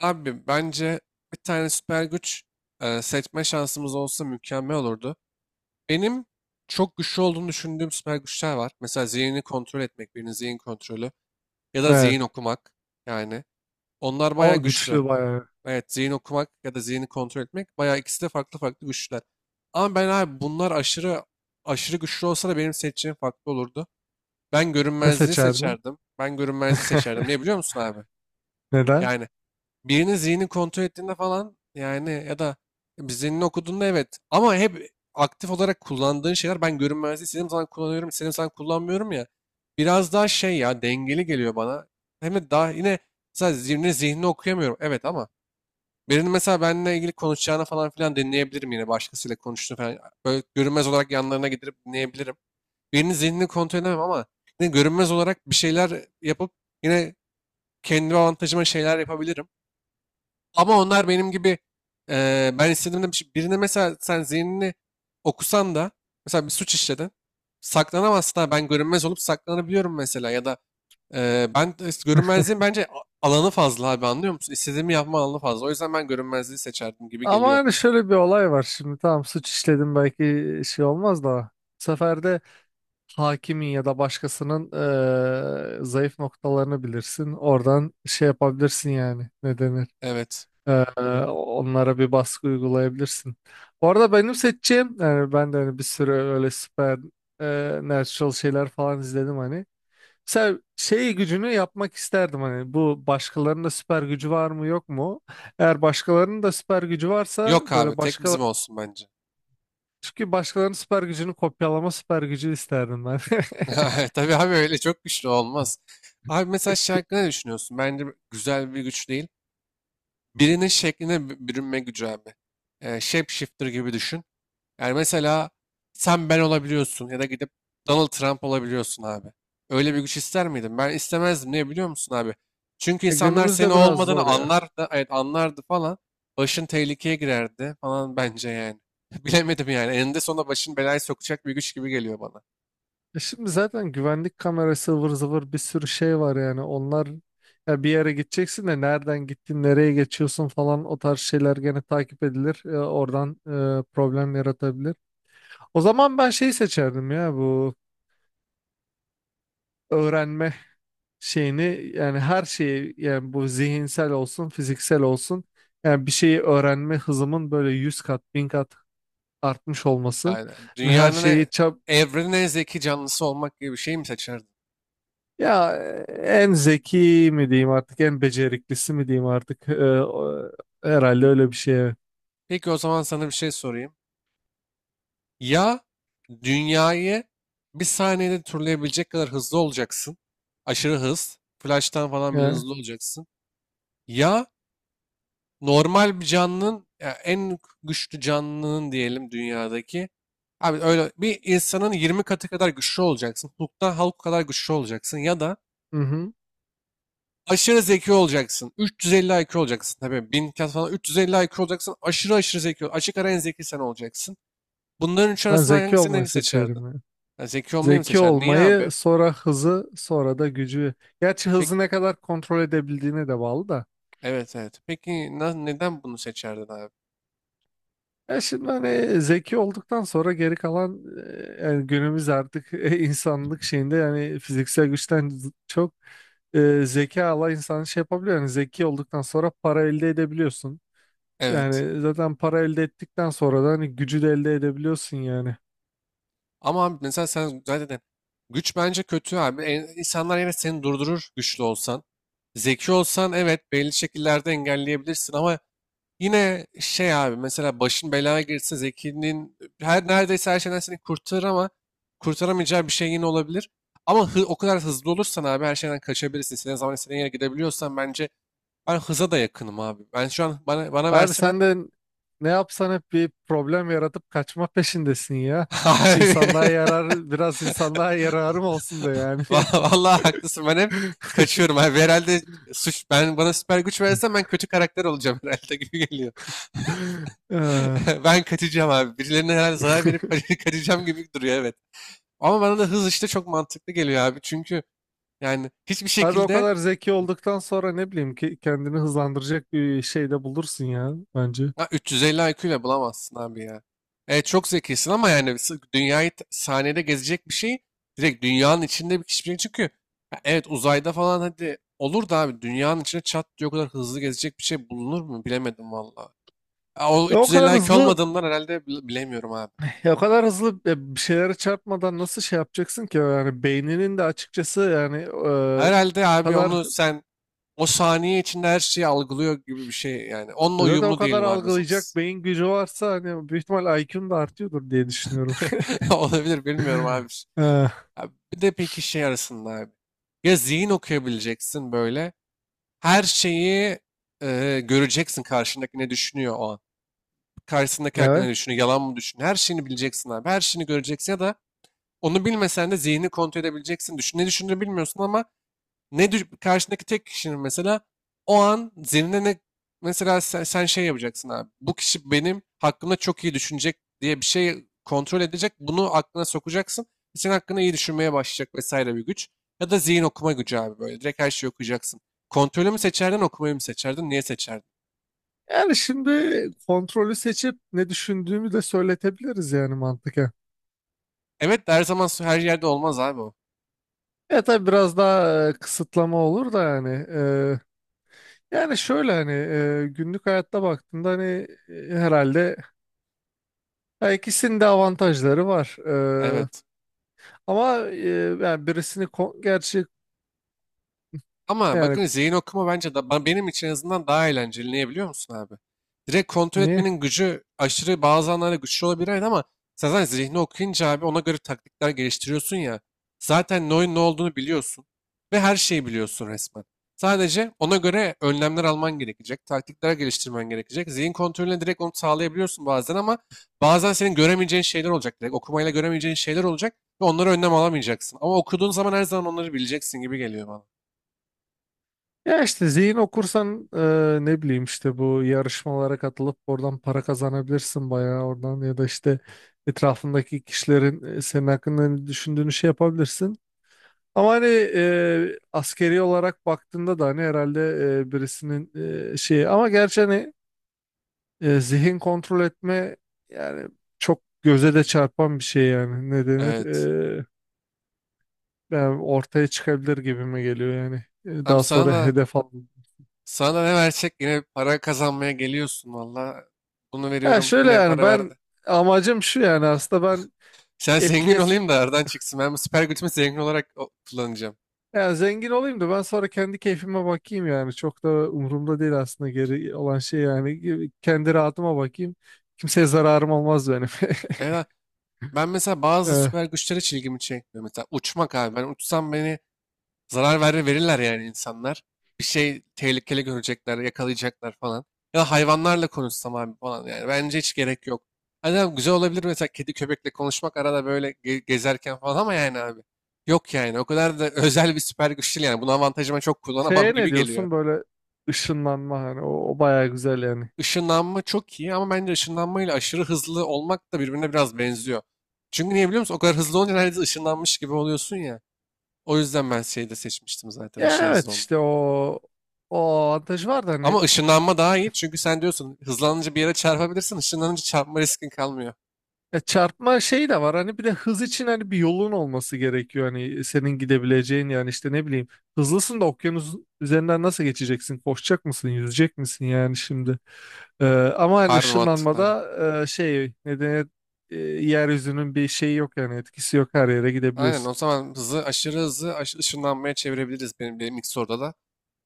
Abi bence bir tane süper güç seçme şansımız olsa mükemmel olurdu. Benim çok güçlü olduğunu düşündüğüm süper güçler var. Mesela zihnini kontrol etmek, birinin zihin kontrolü ya da Evet. zihin okumak yani. Onlar bayağı O güçlü. güçlü bayağı. Evet, zihin okumak ya da zihni kontrol etmek bayağı ikisi de farklı farklı güçler. Ama ben abi bunlar aşırı aşırı güçlü olsa da benim seçeceğim farklı olurdu. Ben Ne görünmezliği seçerdin? seçerdim. Ben görünmezliği seçerdim. Ne biliyor musun abi? Neden? Yani birinin zihnini kontrol ettiğinde falan yani ya da bir zihnini okuduğunda evet. Ama hep aktif olarak kullandığın şeyler, ben görünmezliği istediğim zaman kullanıyorum, istediğim zaman kullanmıyorum ya. Biraz daha şey, ya, dengeli geliyor bana. Hem de daha yine mesela zihnini okuyamıyorum. Evet, ama birinin mesela benimle ilgili konuşacağını falan filan dinleyebilirim, yine başkasıyla konuştuğunu falan. Böyle görünmez olarak yanlarına gidip dinleyebilirim. Birinin zihnini kontrol edemem ama yine görünmez olarak bir şeyler yapıp yine kendi avantajıma şeyler yapabilirim. Ama onlar benim gibi ben istediğimde birine mesela sen zihnini okusan da mesela bir suç işledin. Saklanamazsın, ha, ben görünmez olup saklanabiliyorum mesela. Ya da ben de işte görünmezliğin bence alanı fazla abi, anlıyor musun? İstediğimi yapma alanı fazla. O yüzden ben görünmezliği seçerdim gibi Ama geliyor. yani şöyle bir olay var. Şimdi tamam suç işledim belki şey olmaz da. Bu sefer de hakimin ya da başkasının zayıf noktalarını bilirsin. Oradan şey yapabilirsin yani. Ne denir? Evet. Eee, onlara bir baskı uygulayabilirsin. Bu arada benim seçeceğim yani ben de hani bir sürü öyle süper natural şeyler falan izledim hani. Mesela şey gücünü yapmak isterdim hani bu başkalarının da süper gücü var mı yok mu? Eğer başkalarının da süper gücü varsa Yok abi, böyle tek başka, bizim olsun bence. çünkü başkalarının süper gücünü kopyalama süper gücü isterdim ben. Tabii abi, öyle çok güçlü olmaz. Abi mesela şey hakkında ne düşünüyorsun? Bence güzel bir güç değil. Birinin şekline bürünme gücü abi. Shapeshifter gibi düşün. Yani mesela sen ben olabiliyorsun ya da gidip Donald Trump olabiliyorsun abi. Öyle bir güç ister miydin? Ben istemezdim. Niye biliyor musun abi? Çünkü insanlar senin Günümüzde o biraz olmadığını zor ya. anlardı, evet anlardı falan. Başın tehlikeye girerdi falan bence yani. Bilemedim yani. Eninde sonunda başın belaya sokacak bir güç gibi geliyor bana. E şimdi zaten güvenlik kamerası ıvır zıvır bir sürü şey var yani onlar ya bir yere gideceksin de nereden gittin nereye geçiyorsun falan o tarz şeyler gene takip edilir, oradan problem yaratabilir. O zaman ben şeyi seçerdim ya, bu öğrenme şeyini, yani her şeyi, yani bu zihinsel olsun fiziksel olsun, yani bir şeyi öğrenme hızımın böyle 100 kat 1000 kat artmış olması, Yani yani her dünyanın, şeyi e- çab. evrenin en zeki canlısı olmak gibi bir şey mi seçerdin? Ya en zeki mi diyeyim artık en beceriklisi mi diyeyim artık? O- Herhalde öyle bir şey, evet. Peki, o zaman sana bir şey sorayım. Ya dünyayı bir saniyede turlayabilecek kadar hızlı olacaksın. Aşırı hız. Flash'tan falan bile Ya, hızlı olacaksın. Ya normal bir canlının, ya en güçlü canlının diyelim dünyadaki. Abi öyle bir insanın 20 katı kadar güçlü olacaksın. Hulk kadar güçlü olacaksın. Ya da hı hı. aşırı zeki olacaksın. 350 IQ olacaksın. Tabii 1000 kat falan, 350 IQ olacaksın. Aşırı aşırı zeki. Açık ara en zeki sen olacaksın. Bunların üç Ben arasından zeki olmayı hangisini seçerdin? seçerim ya. Ya, zeki olmayı mı Zeki seçerdin? Niye olmayı, abi? sonra hızı, sonra da gücü. Gerçi Peki, hızı ne kadar kontrol edebildiğine de bağlı da. evet evet. Peki, neden bunu seçerdin abi? Ya şimdi hani zeki olduktan sonra geri kalan, yani günümüz artık insanlık şeyinde yani fiziksel güçten çok zeka Allah insan şey yapabiliyor. Yani zeki olduktan sonra para elde edebiliyorsun. Evet. Yani zaten para elde ettikten sonra da hani gücü de elde edebiliyorsun yani. Ama abi mesela sen zaten güç bence kötü abi. İnsanlar yine seni durdurur güçlü olsan. Zeki olsan, evet, belli şekillerde engelleyebilirsin ama yine şey abi, mesela başın belaya girse zekinin neredeyse her şeyden seni kurtarır ama kurtaramayacağı bir şey yine olabilir. Ama o kadar hızlı olursan abi her şeyden kaçabilirsin. İstediğin zaman istediğin yere gidebiliyorsan bence ben hıza da yakınım abi. Ben şu an bana Abi verseler. sen de ne yapsan hep bir problem yaratıp kaçma peşindesin ya. Hiç Abi. insanlığa yarar, biraz insanlığa yararım olsun da yani. Vallahi haklısın, ben hep kaçıyorum abi. Herhalde ben, bana süper güç versen ben kötü karakter olacağım herhalde, gibi geliyor. Eh, Ben kaçacağım abi. Birilerine herhalde zarar verip kaçacağım gibi duruyor, evet. Ama bana da hız işte çok mantıklı geliyor abi. Çünkü yani hiçbir abi o şekilde. kadar zeki olduktan sonra ne bileyim ki kendini hızlandıracak bir şey de bulursun ya bence. Ya 350 IQ ile bulamazsın abi ya. Evet, çok zekisin ama yani dünyayı saniyede gezecek bir şey, direkt dünyanın içinde bir kişi çünkü. Ya evet, uzayda falan hadi olur da abi, dünyanın içine çat diye o kadar hızlı gezecek bir şey bulunur mu bilemedim valla. Ya o O kadar 350 IQ hızlı olmadığından herhalde bilemiyorum abi. ya o kadar hızlı bir şeylere çarpmadan nasıl şey yapacaksın ki, yani beyninin de açıkçası yani e, Herhalde o abi, kadar onu sen o saniye içinde her şeyi algılıyor gibi bir şey yani. Onunla zaten o uyumlu kadar diyelim abi algılayacak hızımız. beyin gücü varsa hani büyük ihtimal IQ'un da artıyordur diye düşünüyorum. Olabilir, bilmiyorum abi. Eh, Abi bir de peki şey arasında abi. Ya zihin okuyabileceksin böyle. Her şeyi göreceksin, karşındaki ne düşünüyor o an. Karşısındaki hakkında ne evet. düşünüyor, yalan mı düşünüyor. Her şeyini bileceksin abi. Her şeyini göreceksin. Ya da onu bilmesen de zihnini kontrol edebileceksin. Düşün, ne düşündüğünü bilmiyorsun ama karşındaki tek kişinin mesela o an zihnine ne, mesela sen şey yapacaksın abi. Bu kişi benim hakkımda çok iyi düşünecek diye bir şey kontrol edecek. Bunu aklına sokacaksın. Senin hakkında iyi düşünmeye başlayacak vesaire, bir güç. Ya da zihin okuma gücü abi böyle. Direkt her şeyi okuyacaksın. Kontrolü mü seçerdin, okumayı mı seçerdin, niye seçerdin? Yani şimdi kontrolü seçip ne düşündüğümü de söyletebiliriz yani mantıken. Evet de her zaman her yerde olmaz abi o. E tabii biraz daha kısıtlama olur da yani. Yani şöyle hani günlük hayatta baktığında hani herhalde, ya ikisinin de avantajları var. Evet. Ama yani gerçi Ama yani bakın, zihin okuma bence benim için en azından daha eğlenceli. Niye biliyor musun abi? Direkt kontrol ne? etmenin gücü aşırı bazı anlarda güçlü olabilir, evet, ama sen zaten zihni okuyunca abi ona göre taktikler geliştiriyorsun ya. Zaten ne olduğunu biliyorsun ve her şeyi biliyorsun resmen. Sadece ona göre önlemler alman gerekecek, taktikler geliştirmen gerekecek. Zihin kontrolüne direkt onu sağlayabiliyorsun bazen ama bazen senin göremeyeceğin şeyler olacak. Direkt okumayla göremeyeceğin şeyler olacak ve onlara önlem alamayacaksın. Ama okuduğun zaman her zaman onları bileceksin gibi geliyor bana. Ya işte zihin okursan ne bileyim işte bu yarışmalara katılıp oradan para kazanabilirsin bayağı oradan, ya da işte etrafındaki kişilerin senin hakkında ne düşündüğünü şey yapabilirsin. Ama hani askeri olarak baktığında da hani herhalde birisinin şeyi ama gerçi hani zihin kontrol etme yani çok göze de çarpan bir şey yani. Ne denir? Evet. Yani ortaya çıkabilir gibi mi geliyor yani. Abi Daha sana sonra da hedef al. sana da ne versek yine para kazanmaya geliyorsun valla. Bunu Ya veriyorum, şöyle yine yani para ben, verdi. amacım şu yani aslında ben Sen zengin etliye s- olayım da aradan çıksın. Ben bu süper gücümü zengin olarak kullanacağım. yani zengin olayım da ben sonra kendi keyfime bakayım, yani çok da umurumda değil aslında geri olan şey, yani kendi rahatıma bakayım, kimseye zararım olmaz benim. Evet. Ben mesela bazı Ee, süper güçler hiç ilgimi çekmiyor. Mesela uçmak abi. Ben uçsam beni, zarar verirler yani insanlar. Bir şey, tehlikeli görecekler, yakalayacaklar falan. Ya da hayvanlarla konuşsam abi falan yani. Bence hiç gerek yok. Hani abi güzel olabilir mesela kedi köpekle konuşmak arada böyle gezerken falan ama yani abi. Yok yani, o kadar da özel bir süper güç değil yani. Bunu avantajıma çok kullanamam Şeye ne gibi geliyor. diyorsun böyle, ışınlanma hani o, o bayağı güzel yani. Işınlanma çok iyi ama bence ışınlanmayla aşırı hızlı olmak da birbirine biraz benziyor. Çünkü niye biliyor musun? O kadar hızlı olunca neredeyse ışınlanmış gibi oluyorsun ya. O yüzden ben şeyi de seçmiştim zaten, Ya aşırı evet hızlı olmayı. işte o, o avantajı var da Ama hani, ışınlanma daha iyi çünkü sen diyorsun hızlanınca bir yere çarpabilirsin. Işınlanınca çarpma riskin kalmıyor. ya çarpma şey de var hani. Bir de hız için hani bir yolun olması gerekiyor hani, senin gidebileceğin yani. İşte ne bileyim, hızlısın da okyanus üzerinden nasıl geçeceksin, koşacak mısın yüzecek misin yani şimdi? Ee, Ama hani Harbi mantıklı, aynen. ışınlanmada şey nedeni, yeryüzünün bir şeyi yok yani, etkisi yok, her yere Aynen, o gidebiliyorsun. zaman hızı, aşırı hızı ışınlanmaya çevirebiliriz benim ilk soruda da.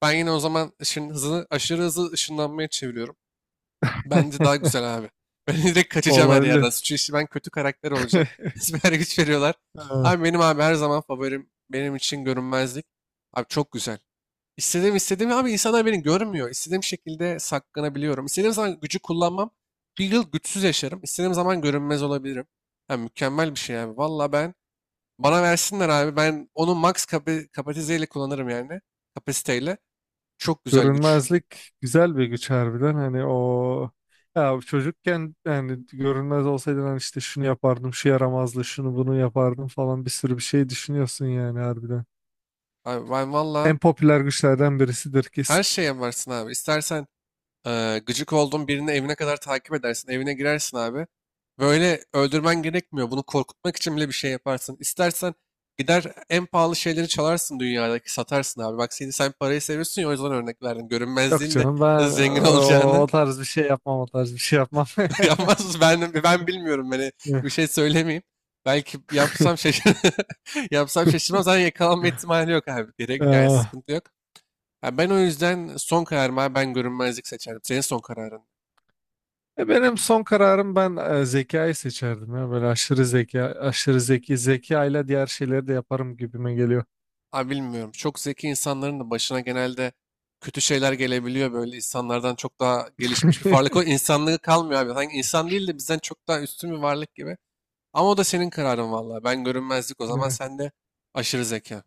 Ben yine o zaman ışın hızını, aşırı hızlı ışınlanmaya çeviriyorum. Bence daha güzel abi. Ben direkt kaçacağım her yerden, Olabilir. çünkü işi ben kötü karakter olacağım. Süper güç veriyorlar. Abi Ha. benim abi her zaman favorim benim için görünmezlik. Abi çok güzel. İstediğim abi, insanlar beni görmüyor. İstediğim şekilde saklanabiliyorum. İstediğim zaman gücü kullanmam. Bir yıl güçsüz yaşarım. İstediğim zaman görünmez olabilirim. Ha, mükemmel bir şey abi. Valla ben, bana versinler abi. Ben onu max kapasiteyle kullanırım yani. Kapasiteyle. Çok güzel güç. Görünmezlik güzel bir güç harbiden hani o, ya çocukken yani görünmez olsaydın hani işte şunu yapardım şu yaramazdı şunu bunu yapardım falan, bir sürü bir şey düşünüyorsun yani harbiden. Abi ben valla En popüler güçlerden birisidir her kesin. şeye varsın abi. İstersen gıcık olduğun birini evine kadar takip edersin. Evine girersin abi. Böyle öldürmen gerekmiyor. Bunu korkutmak için bile bir şey yaparsın. İstersen gider en pahalı şeyleri çalarsın dünyadaki, satarsın abi. Bak, sen parayı seviyorsun ya, o yüzden örnek verdim. Yok Görünmezliğin de canım, ben nasıl zengin o, o olacağını tarz bir şey yapmam, o tarz bir şey yapmam. yapmaz. Ben bilmiyorum. Beni, bir şey söylemeyeyim. Belki yapsam şaşır, yapsam şaşırmam. Zaten yakalanma ihtimali yok abi. Gerek yani, Ah. sıkıntı yok. Ha, ben o yüzden son kararımı abi, ben görünmezlik seçerim. Senin son kararın. Benim son kararım, ben zekayı seçerdim ya, böyle aşırı zeka, aşırı zeki zekayla diğer şeyleri de yaparım gibime geliyor. Abi bilmiyorum. Çok zeki insanların da başına genelde kötü şeyler gelebiliyor. Böyle insanlardan çok daha gelişmiş bir varlık. O insanlığı kalmıyor abi. Sanki insan değil de bizden çok daha üstün bir varlık gibi. Ama o da senin kararın vallahi. Ben görünmezlik, o zaman Ne? sen de aşırı zeka.